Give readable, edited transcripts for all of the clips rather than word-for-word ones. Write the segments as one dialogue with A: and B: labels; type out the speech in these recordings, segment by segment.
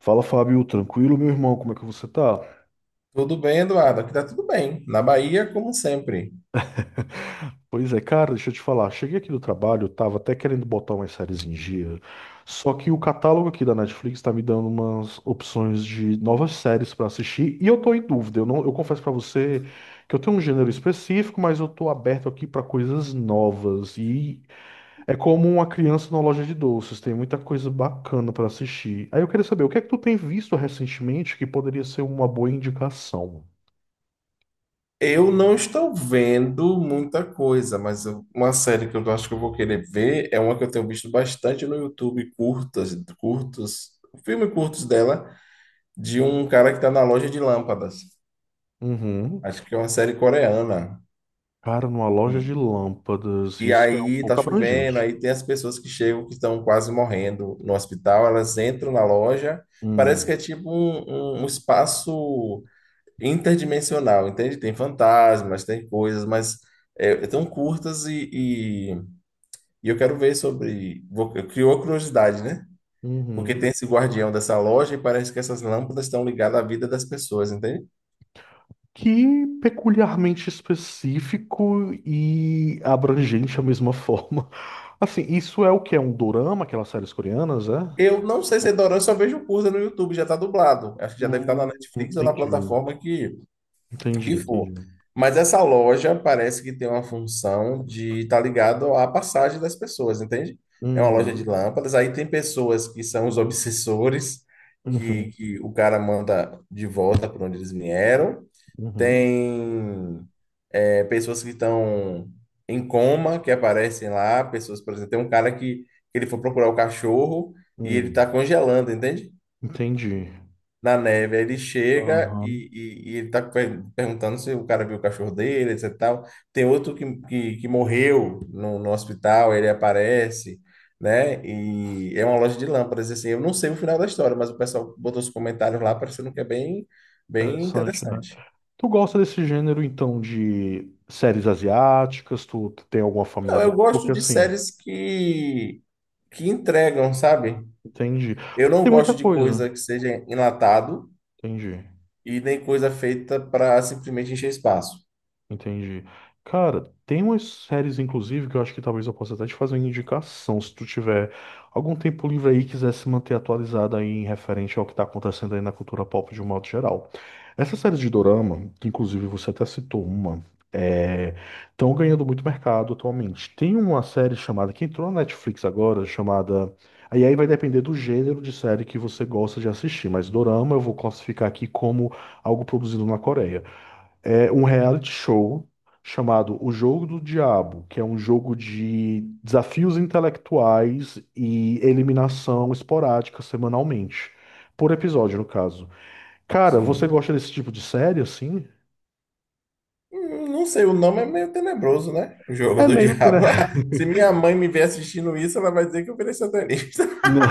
A: Fala, Fábio, tranquilo, meu irmão, como é que você tá?
B: Tudo bem, Eduardo? Aqui tá tudo bem. Na Bahia, como sempre.
A: Pois é, cara, deixa eu te falar. Cheguei aqui do trabalho, eu tava até querendo botar umas séries em dia, só que o catálogo aqui da Netflix tá me dando umas opções de novas séries pra assistir e eu tô em dúvida. Eu não, eu confesso pra você que eu tenho um gênero específico, mas eu tô aberto aqui pra coisas novas e é como uma criança na loja de doces, tem muita coisa bacana pra assistir. Aí eu queria saber, o que é que tu tem visto recentemente que poderia ser uma boa indicação?
B: Eu não estou vendo muita coisa, mas uma série que eu acho que eu vou querer ver é uma que eu tenho visto bastante no YouTube, curtas, curtos, filme curtos dela, de um cara que está na loja de lâmpadas.
A: Uhum.
B: Acho que é uma série coreana.
A: Cara, numa loja
B: E,
A: de lâmpadas,
B: e
A: isso é um
B: aí tá
A: pouco
B: chovendo,
A: abrangente.
B: aí tem as pessoas que chegam que estão quase morrendo no hospital, elas entram na loja, parece que é
A: Hum,
B: tipo um espaço interdimensional, entende? Tem fantasmas, tem coisas, mas é tão curtas e eu quero ver sobre. Criou curiosidade, né? Porque
A: uhum.
B: tem esse guardião dessa loja e parece que essas lâmpadas estão ligadas à vida das pessoas, entende?
A: Que peculiarmente específico e abrangente à mesma forma. Assim, isso é o que é um dorama, aquelas séries coreanas, é?
B: Eu não sei se é dorama, eu só vejo curta no YouTube, já tá dublado. Acho que já deve estar na Netflix ou na
A: Entendi,
B: plataforma que
A: entendi,
B: for.
A: entendi.
B: Mas essa loja parece que tem uma função de estar tá ligado à passagem das pessoas, entende? É uma loja de
A: Uhum,
B: lâmpadas. Aí tem pessoas que são os obsessores, que,
A: uhum,
B: que o cara manda de volta para onde eles vieram.
A: uhum,
B: Tem pessoas que estão em coma, que aparecem lá. Pessoas, por exemplo, tem um cara que ele foi procurar o cachorro e ele está
A: hum,
B: congelando, entende?
A: entendi.
B: Na neve. Aí ele chega
A: Aham,
B: e ele tá perguntando se o cara viu o cachorro dele, etc e tal. Tem outro que morreu no hospital, ele aparece, né? E é uma loja de lâmpadas, assim. Eu não sei o final da história, mas o pessoal botou os comentários lá parecendo que é bem, bem
A: interessante, né?
B: interessante.
A: Tu gosta desse gênero, então, de séries asiáticas? Tu tem alguma
B: Não, eu
A: familiaridade?
B: gosto
A: Porque,
B: de
A: assim,
B: séries que entregam, sabe?
A: entendi.
B: Eu
A: Porque
B: não
A: tem muita
B: gosto de
A: coisa.
B: coisa que seja enlatado
A: Entendi.
B: e nem coisa feita para simplesmente encher espaço.
A: Entendi. Cara, tem umas séries, inclusive, que eu acho que talvez eu possa até te fazer uma indicação, se tu tiver algum tempo livre aí e quiser se manter atualizado aí em referente ao que tá acontecendo aí na cultura pop de um modo geral. Essas séries de Dorama, que inclusive você até citou uma, é... estão ganhando muito mercado atualmente. Tem uma série chamada, que entrou na Netflix agora, chamada. Aí vai depender do gênero de série que você gosta de assistir, mas Dorama eu vou classificar aqui como algo produzido na Coreia, é um reality show chamado O Jogo do Diabo, que é um jogo de desafios intelectuais e eliminação esporádica semanalmente, por episódio, no caso. Cara, você
B: Sim.
A: gosta desse tipo de série assim?
B: Não sei, o nome é meio tenebroso, né? O jogo
A: É
B: do
A: meio que, né?
B: diabo. Se minha mãe me ver assistindo isso, ela vai dizer que eu virei satanista.
A: Não,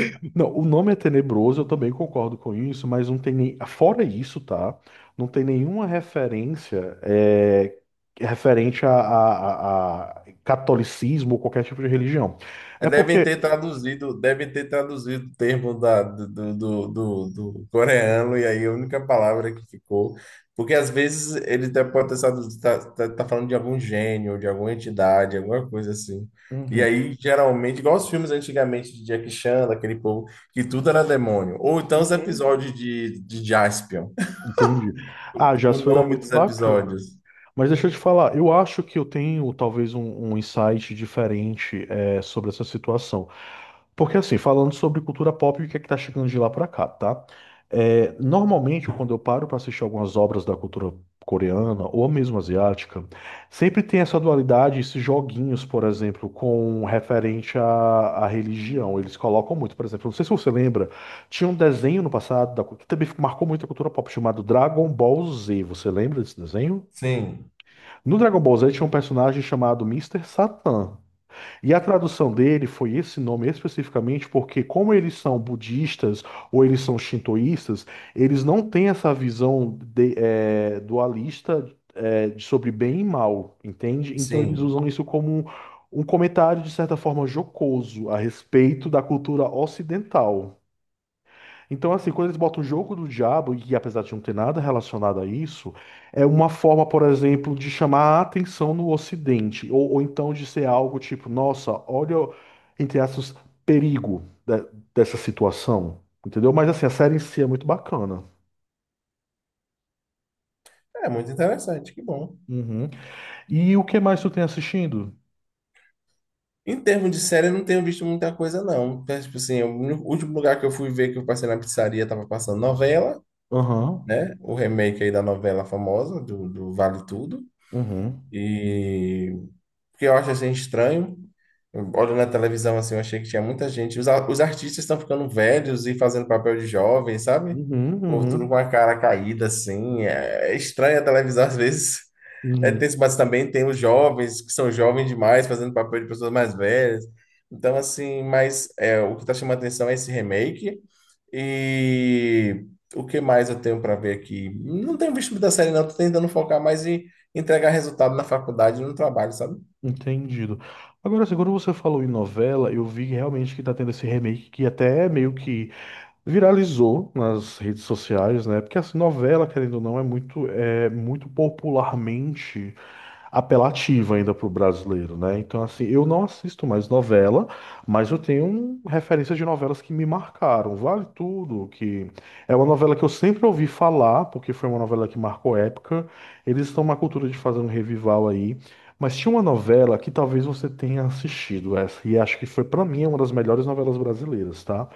A: não, o nome é tenebroso, eu também concordo com isso, mas não tem nem. Fora isso, tá? Não tem nenhuma referência referente a catolicismo ou qualquer tipo de religião. É porque.
B: Devem ter traduzido o termo da, do, do, do, do coreano, e aí a única palavra que ficou. Porque às vezes ele até pode estar tá falando de algum gênio, de alguma entidade, alguma coisa assim. E
A: Uhum.
B: aí, geralmente, igual os filmes antigamente de Jackie Chan, daquele povo, que tudo era demônio. Ou então os
A: Uhum.
B: episódios de Jaspion.
A: Entendi. Ah,
B: O
A: Jasper era
B: nome
A: muito
B: dos
A: bacana.
B: episódios.
A: Mas deixa eu te falar, eu acho que eu tenho talvez um insight diferente sobre essa situação. Porque assim, falando sobre cultura pop, o que é que tá chegando de lá pra cá, tá? É, normalmente, quando eu paro pra assistir algumas obras da cultura coreana ou mesmo asiática, sempre tem essa dualidade, esses joguinhos, por exemplo, com referente à religião. Eles colocam muito, por exemplo, não sei se você lembra, tinha um desenho no passado que também marcou muito a cultura pop chamado Dragon Ball Z. Você lembra desse desenho?
B: Sim,
A: No Dragon Ball Z tinha um personagem chamado Mister Satan. E a tradução dele foi esse nome especificamente porque, como eles são budistas ou eles são shintoístas, eles não têm essa visão dualista, de sobre bem e mal, entende? Então eles
B: sim.
A: usam isso como um comentário, de certa forma, jocoso a respeito da cultura ocidental. Então, assim, quando eles botam o jogo do diabo, e apesar de não ter nada relacionado a isso, é uma forma, por exemplo, de chamar a atenção no Ocidente, ou então de ser algo tipo, nossa, olha, entre aspas, perigo dessa situação, entendeu? Mas, assim, a série em si é muito bacana.
B: É muito interessante, que bom.
A: Uhum. E o que mais tu tem assistindo?
B: Em termos de série, eu não tenho visto muita coisa, não. É, tipo assim, o último lugar que eu fui ver que eu passei na pizzaria tava passando novela,
A: Aham,
B: né? O remake aí da novela famosa, do Vale Tudo.
A: uhum,
B: E o que eu acho assim estranho, olhando na televisão assim, eu achei que tinha muita gente. Os os artistas estão ficando velhos e fazendo papel de jovem, sabe? O
A: uhum,
B: povo tudo com
A: uhum,
B: a cara caída, assim. É estranha a televisão às vezes. É
A: uhum.
B: tenso, mas também tem os jovens, que são jovens demais, fazendo papel de pessoas mais velhas. Então, assim, mas é, o que está chamando a atenção é esse remake. E o que mais eu tenho para ver aqui? Não tenho visto muita série, não. Estou tentando focar mais em entregar resultado na faculdade e no trabalho, sabe?
A: Entendido. Agora, assim, quando você falou em novela, eu vi realmente que tá tendo esse remake que até é meio que viralizou nas redes sociais, né? Porque assim, novela, querendo ou não, é muito popularmente apelativa ainda para o brasileiro, né? Então, assim, eu não assisto mais novela, mas eu tenho um referência de novelas que me marcaram. Vale Tudo, que é uma novela que eu sempre ouvi falar, porque foi uma novela que marcou época. Eles estão na cultura de fazer um revival aí. Mas tinha uma novela que talvez você tenha assistido essa, e acho que foi, para mim, uma das melhores novelas brasileiras, tá?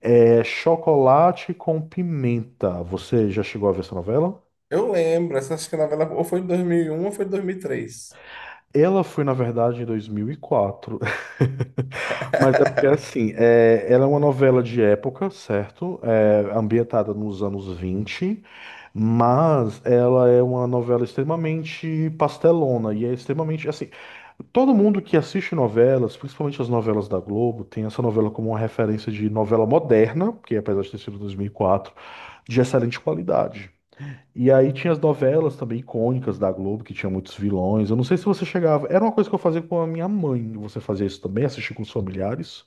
A: É Chocolate com Pimenta. Você já chegou a ver essa novela?
B: Eu lembro, essa acho que a novela ou foi em 2001 ou foi em 2003.
A: Ela foi, na verdade, em dois mil e quatro. Mas é porque, assim, ela é uma novela de época, certo? É ambientada nos anos 20, mas ela é uma novela extremamente pastelona e é extremamente, assim, todo mundo que assiste novelas, principalmente as novelas da Globo, tem essa novela como uma referência de novela moderna, porque apesar de ter sido 2004, de excelente qualidade. E aí tinha as novelas também icônicas da Globo, que tinha muitos vilões. Eu não sei se você chegava. Era uma coisa que eu fazia com a minha mãe. Você fazia isso também? Assistir com os familiares?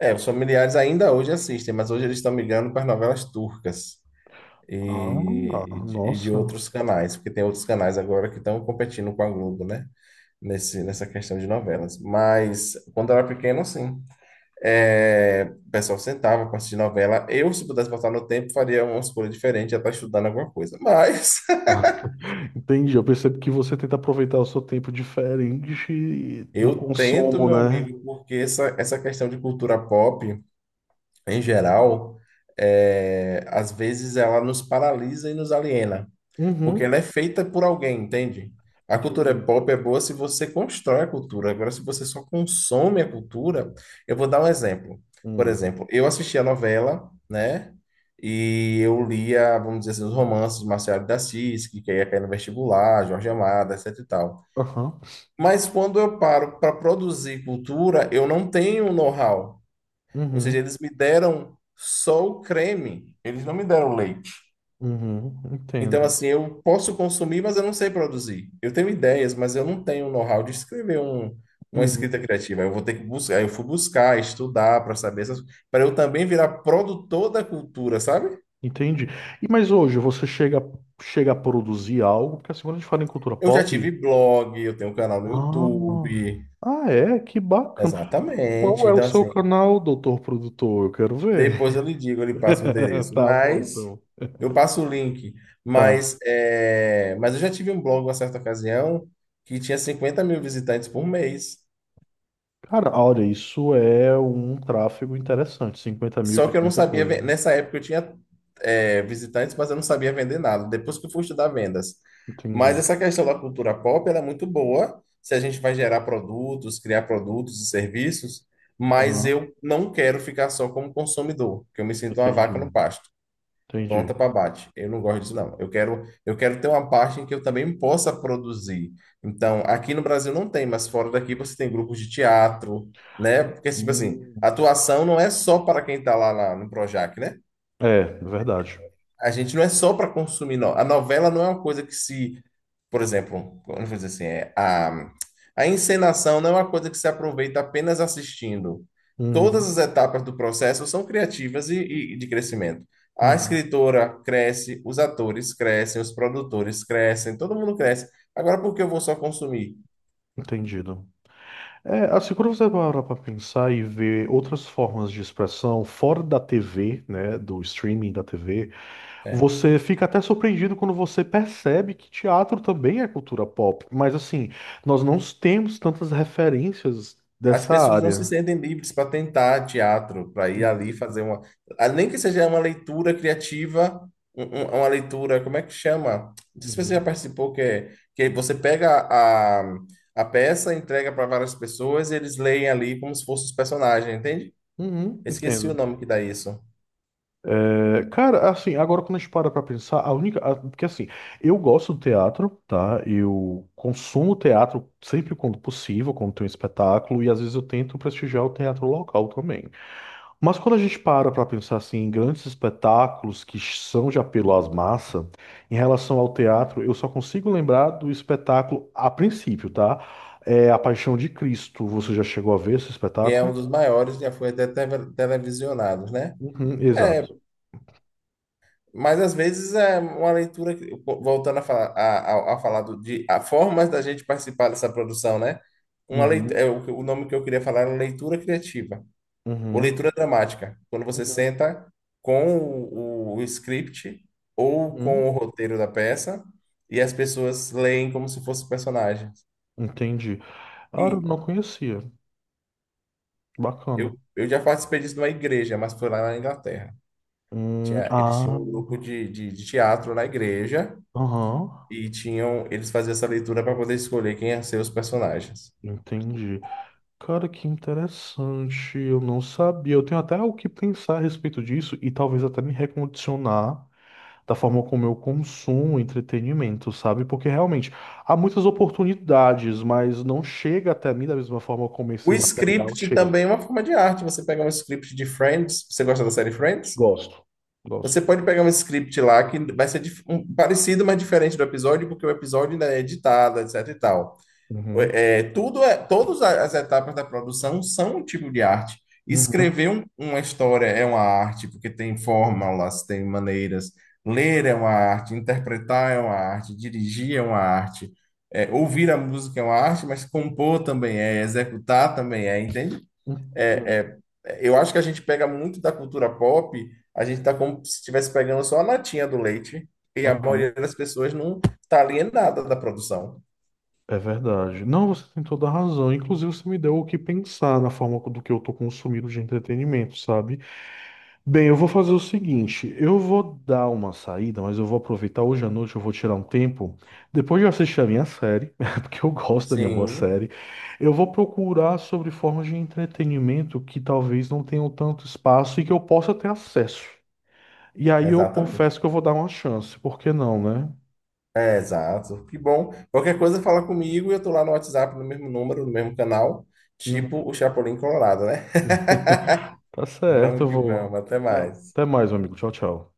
B: É, os familiares ainda hoje assistem, mas hoje eles estão migrando para as novelas turcas
A: Ah,
B: e de
A: nossa.
B: outros canais, porque tem outros canais agora que estão competindo com a Globo, né? Nessa questão de novelas. Mas quando eu era pequeno, sim. É, o pessoal sentava para assistir novela. Eu, se pudesse voltar no tempo, faria uma escolha diferente, já estar estudando alguma coisa. Mas
A: Entendi. Eu percebo que você tenta aproveitar o seu tempo diferente do
B: eu tento,
A: consumo,
B: meu
A: né?
B: amigo, porque essa questão de cultura pop, em geral, é, às vezes ela nos paralisa e nos aliena, porque ela
A: Uhum.
B: é feita por alguém, entende? A
A: Entendi.
B: cultura pop é boa se você constrói a cultura. Agora, se você só consome a cultura, eu vou dar um exemplo. Por
A: Hum.
B: exemplo, eu assisti a novela, né? E eu lia, vamos dizer assim, os romances de Marcelo de Assis, que ia cair no vestibular, Jorge Amado, etc e tal.
A: Aham.
B: Mas quando eu paro para produzir cultura, eu não tenho know-how. Ou seja,
A: Uhum.
B: eles me deram só o creme, eles não me deram o leite.
A: Uhum.
B: Então,
A: Entendo.
B: assim, eu posso consumir, mas eu não sei produzir. Eu tenho ideias, mas eu não tenho o know-how de escrever uma
A: Uhum.
B: escrita criativa. Eu vou ter que buscar, eu fui buscar, estudar para saber essas, para eu também virar produtor da cultura, sabe?
A: Entendi. E mas hoje você chega a produzir algo? Porque assim, quando a gente fala em cultura
B: Eu já tive
A: pop,
B: blog, eu tenho um canal no
A: ah,
B: YouTube.
A: ah, é? Que bacana. Qual
B: Exatamente.
A: é o
B: Então,
A: seu
B: assim,
A: canal, doutor produtor? Eu quero
B: depois
A: ver.
B: eu lhe digo, eu lhe passo o endereço.
A: Tá bom,
B: Mas
A: então.
B: eu passo o link.
A: Tá.
B: Mas, é, mas eu já tive um blog, uma certa ocasião, que tinha 50 mil visitantes por mês.
A: Cara, olha, isso é um tráfego interessante. 50 mil
B: Só
A: já
B: que
A: é
B: eu não
A: muita
B: sabia.
A: coisa.
B: Nessa época eu tinha, é, visitantes, mas eu não sabia vender nada. Depois que eu fui estudar vendas. Mas
A: Entendi.
B: essa questão da cultura pop, ela é muito boa. Se a gente vai gerar produtos, criar produtos e serviços. Mas
A: Aham,
B: eu não quero ficar só como consumidor, porque eu me sinto uma vaca no
A: entendi.
B: pasto. Pronta
A: Entendi.
B: para bate. Eu não gosto disso, não. Eu quero ter uma parte em que eu também possa produzir. Então, aqui no Brasil não tem, mas fora daqui você tem grupos de teatro, né? Porque, tipo assim,
A: Hum.
B: atuação não é só para quem está lá no Projac, né?
A: É, verdade.
B: A gente não é só para consumir. No... A novela não é uma coisa que se, por exemplo, vamos dizer assim, é, a encenação não é uma coisa que se aproveita apenas assistindo. Todas as
A: Uhum.
B: etapas do processo são criativas e de crescimento. A
A: Uhum.
B: escritora cresce, os atores crescem, os produtores crescem, todo mundo cresce. Agora, por que eu vou só consumir?
A: Entendido. É, assim, quando você parar para pensar e ver outras formas de expressão fora da TV, né, do streaming da TV.
B: É.
A: Você fica até surpreendido quando você percebe que teatro também é cultura pop, mas assim, nós não temos tantas referências
B: As
A: dessa
B: pessoas não se
A: área.
B: sentem livres para tentar teatro, para ir ali
A: Uhum,
B: fazer uma. Ah, nem que seja uma leitura criativa, uma leitura, como é que chama? Não sei se você já
A: uhum.
B: participou, que você pega a peça, entrega para várias pessoas e eles leem ali como se fossem os personagens, entende?
A: Uhum,
B: Esqueci
A: entendo.
B: o nome que dá isso.
A: É, cara, assim, agora quando a gente para pra pensar, porque assim, eu gosto do teatro, tá? Eu consumo teatro sempre quando possível, quando tem um espetáculo, e às vezes eu tento prestigiar o teatro local também. Mas quando a gente para pensar assim, em grandes espetáculos que são de apelo às massas, em relação ao teatro, eu só consigo lembrar do espetáculo a princípio, tá? É A Paixão de Cristo. Você já chegou a ver esse
B: Que é um
A: espetáculo?
B: dos maiores, já foi até televisionados, né?
A: Uhum,
B: É,
A: exato.
B: mas às vezes é uma leitura, voltando a falar, a falar de a formas da gente participar dessa produção, né? Uma leitura, é,
A: Uhum,
B: o nome que eu queria falar era leitura criativa, ou
A: uhum,
B: leitura dramática, quando você
A: uhum,
B: senta com o script ou com o
A: uhum.
B: roteiro da peça e as pessoas leem como se fosse personagens.
A: Entendi. Ah, eu
B: E
A: não conhecia. Bacana.
B: eu, eu já participei disso numa igreja, mas foi lá na Inglaterra. Tinha, eles
A: Ah,
B: tinham um grupo de teatro na igreja,
A: aham.
B: e tinham, eles faziam essa leitura para poder escolher quem ia ser os personagens.
A: Entendi. Cara, que interessante. Eu não sabia. Eu tenho até o que pensar a respeito disso e talvez até me recondicionar da forma como eu consumo entretenimento, sabe? Porque realmente há muitas oportunidades, mas não chega até mim da mesma forma como
B: O
A: esse material
B: script
A: chega.
B: também é uma forma de arte. Você pega um script de Friends, você gosta da série Friends?
A: Gosto.
B: Você
A: Gosto.
B: pode pegar um script lá que vai ser parecido, mas diferente do episódio, porque o episódio ainda é editado, etc e tal.
A: Uhum.
B: É, tudo é, todas as etapas da produção são um tipo de arte.
A: Uhum.
B: Escrever uma história é uma arte, porque tem fórmulas, tem maneiras. Ler é uma arte, interpretar é uma arte, dirigir é uma arte, é, ouvir a música é uma arte, mas compor também é, executar também é, entende?
A: Entendo.
B: É, é, eu acho que a gente pega muito da cultura pop, a gente está como se estivesse pegando só a latinha do leite, e a
A: Aham.
B: maioria das pessoas não tá alienada da produção.
A: É verdade. Não, você tem toda a razão. Inclusive, você me deu o que pensar na forma do que eu tô consumindo de entretenimento, sabe? Bem, eu vou fazer o seguinte, eu vou dar uma saída, mas eu vou aproveitar hoje à noite, eu vou tirar um tempo. Depois de eu assistir a minha série, porque eu gosto da minha boa
B: Sim.
A: série, eu vou procurar sobre formas de entretenimento que talvez não tenham tanto espaço e que eu possa ter acesso. E aí eu
B: Exatamente.
A: confesso que eu vou dar uma chance, por que não, né?
B: É, exato. Que bom. Qualquer coisa fala comigo e eu tô lá no WhatsApp, no mesmo número, no mesmo canal,
A: Uhum.
B: tipo o Chapolin Colorado, né?
A: Tá certo, eu
B: Vamos que
A: vou.
B: vamos. Até mais.
A: Até mais, meu amigo. Tchau, tchau.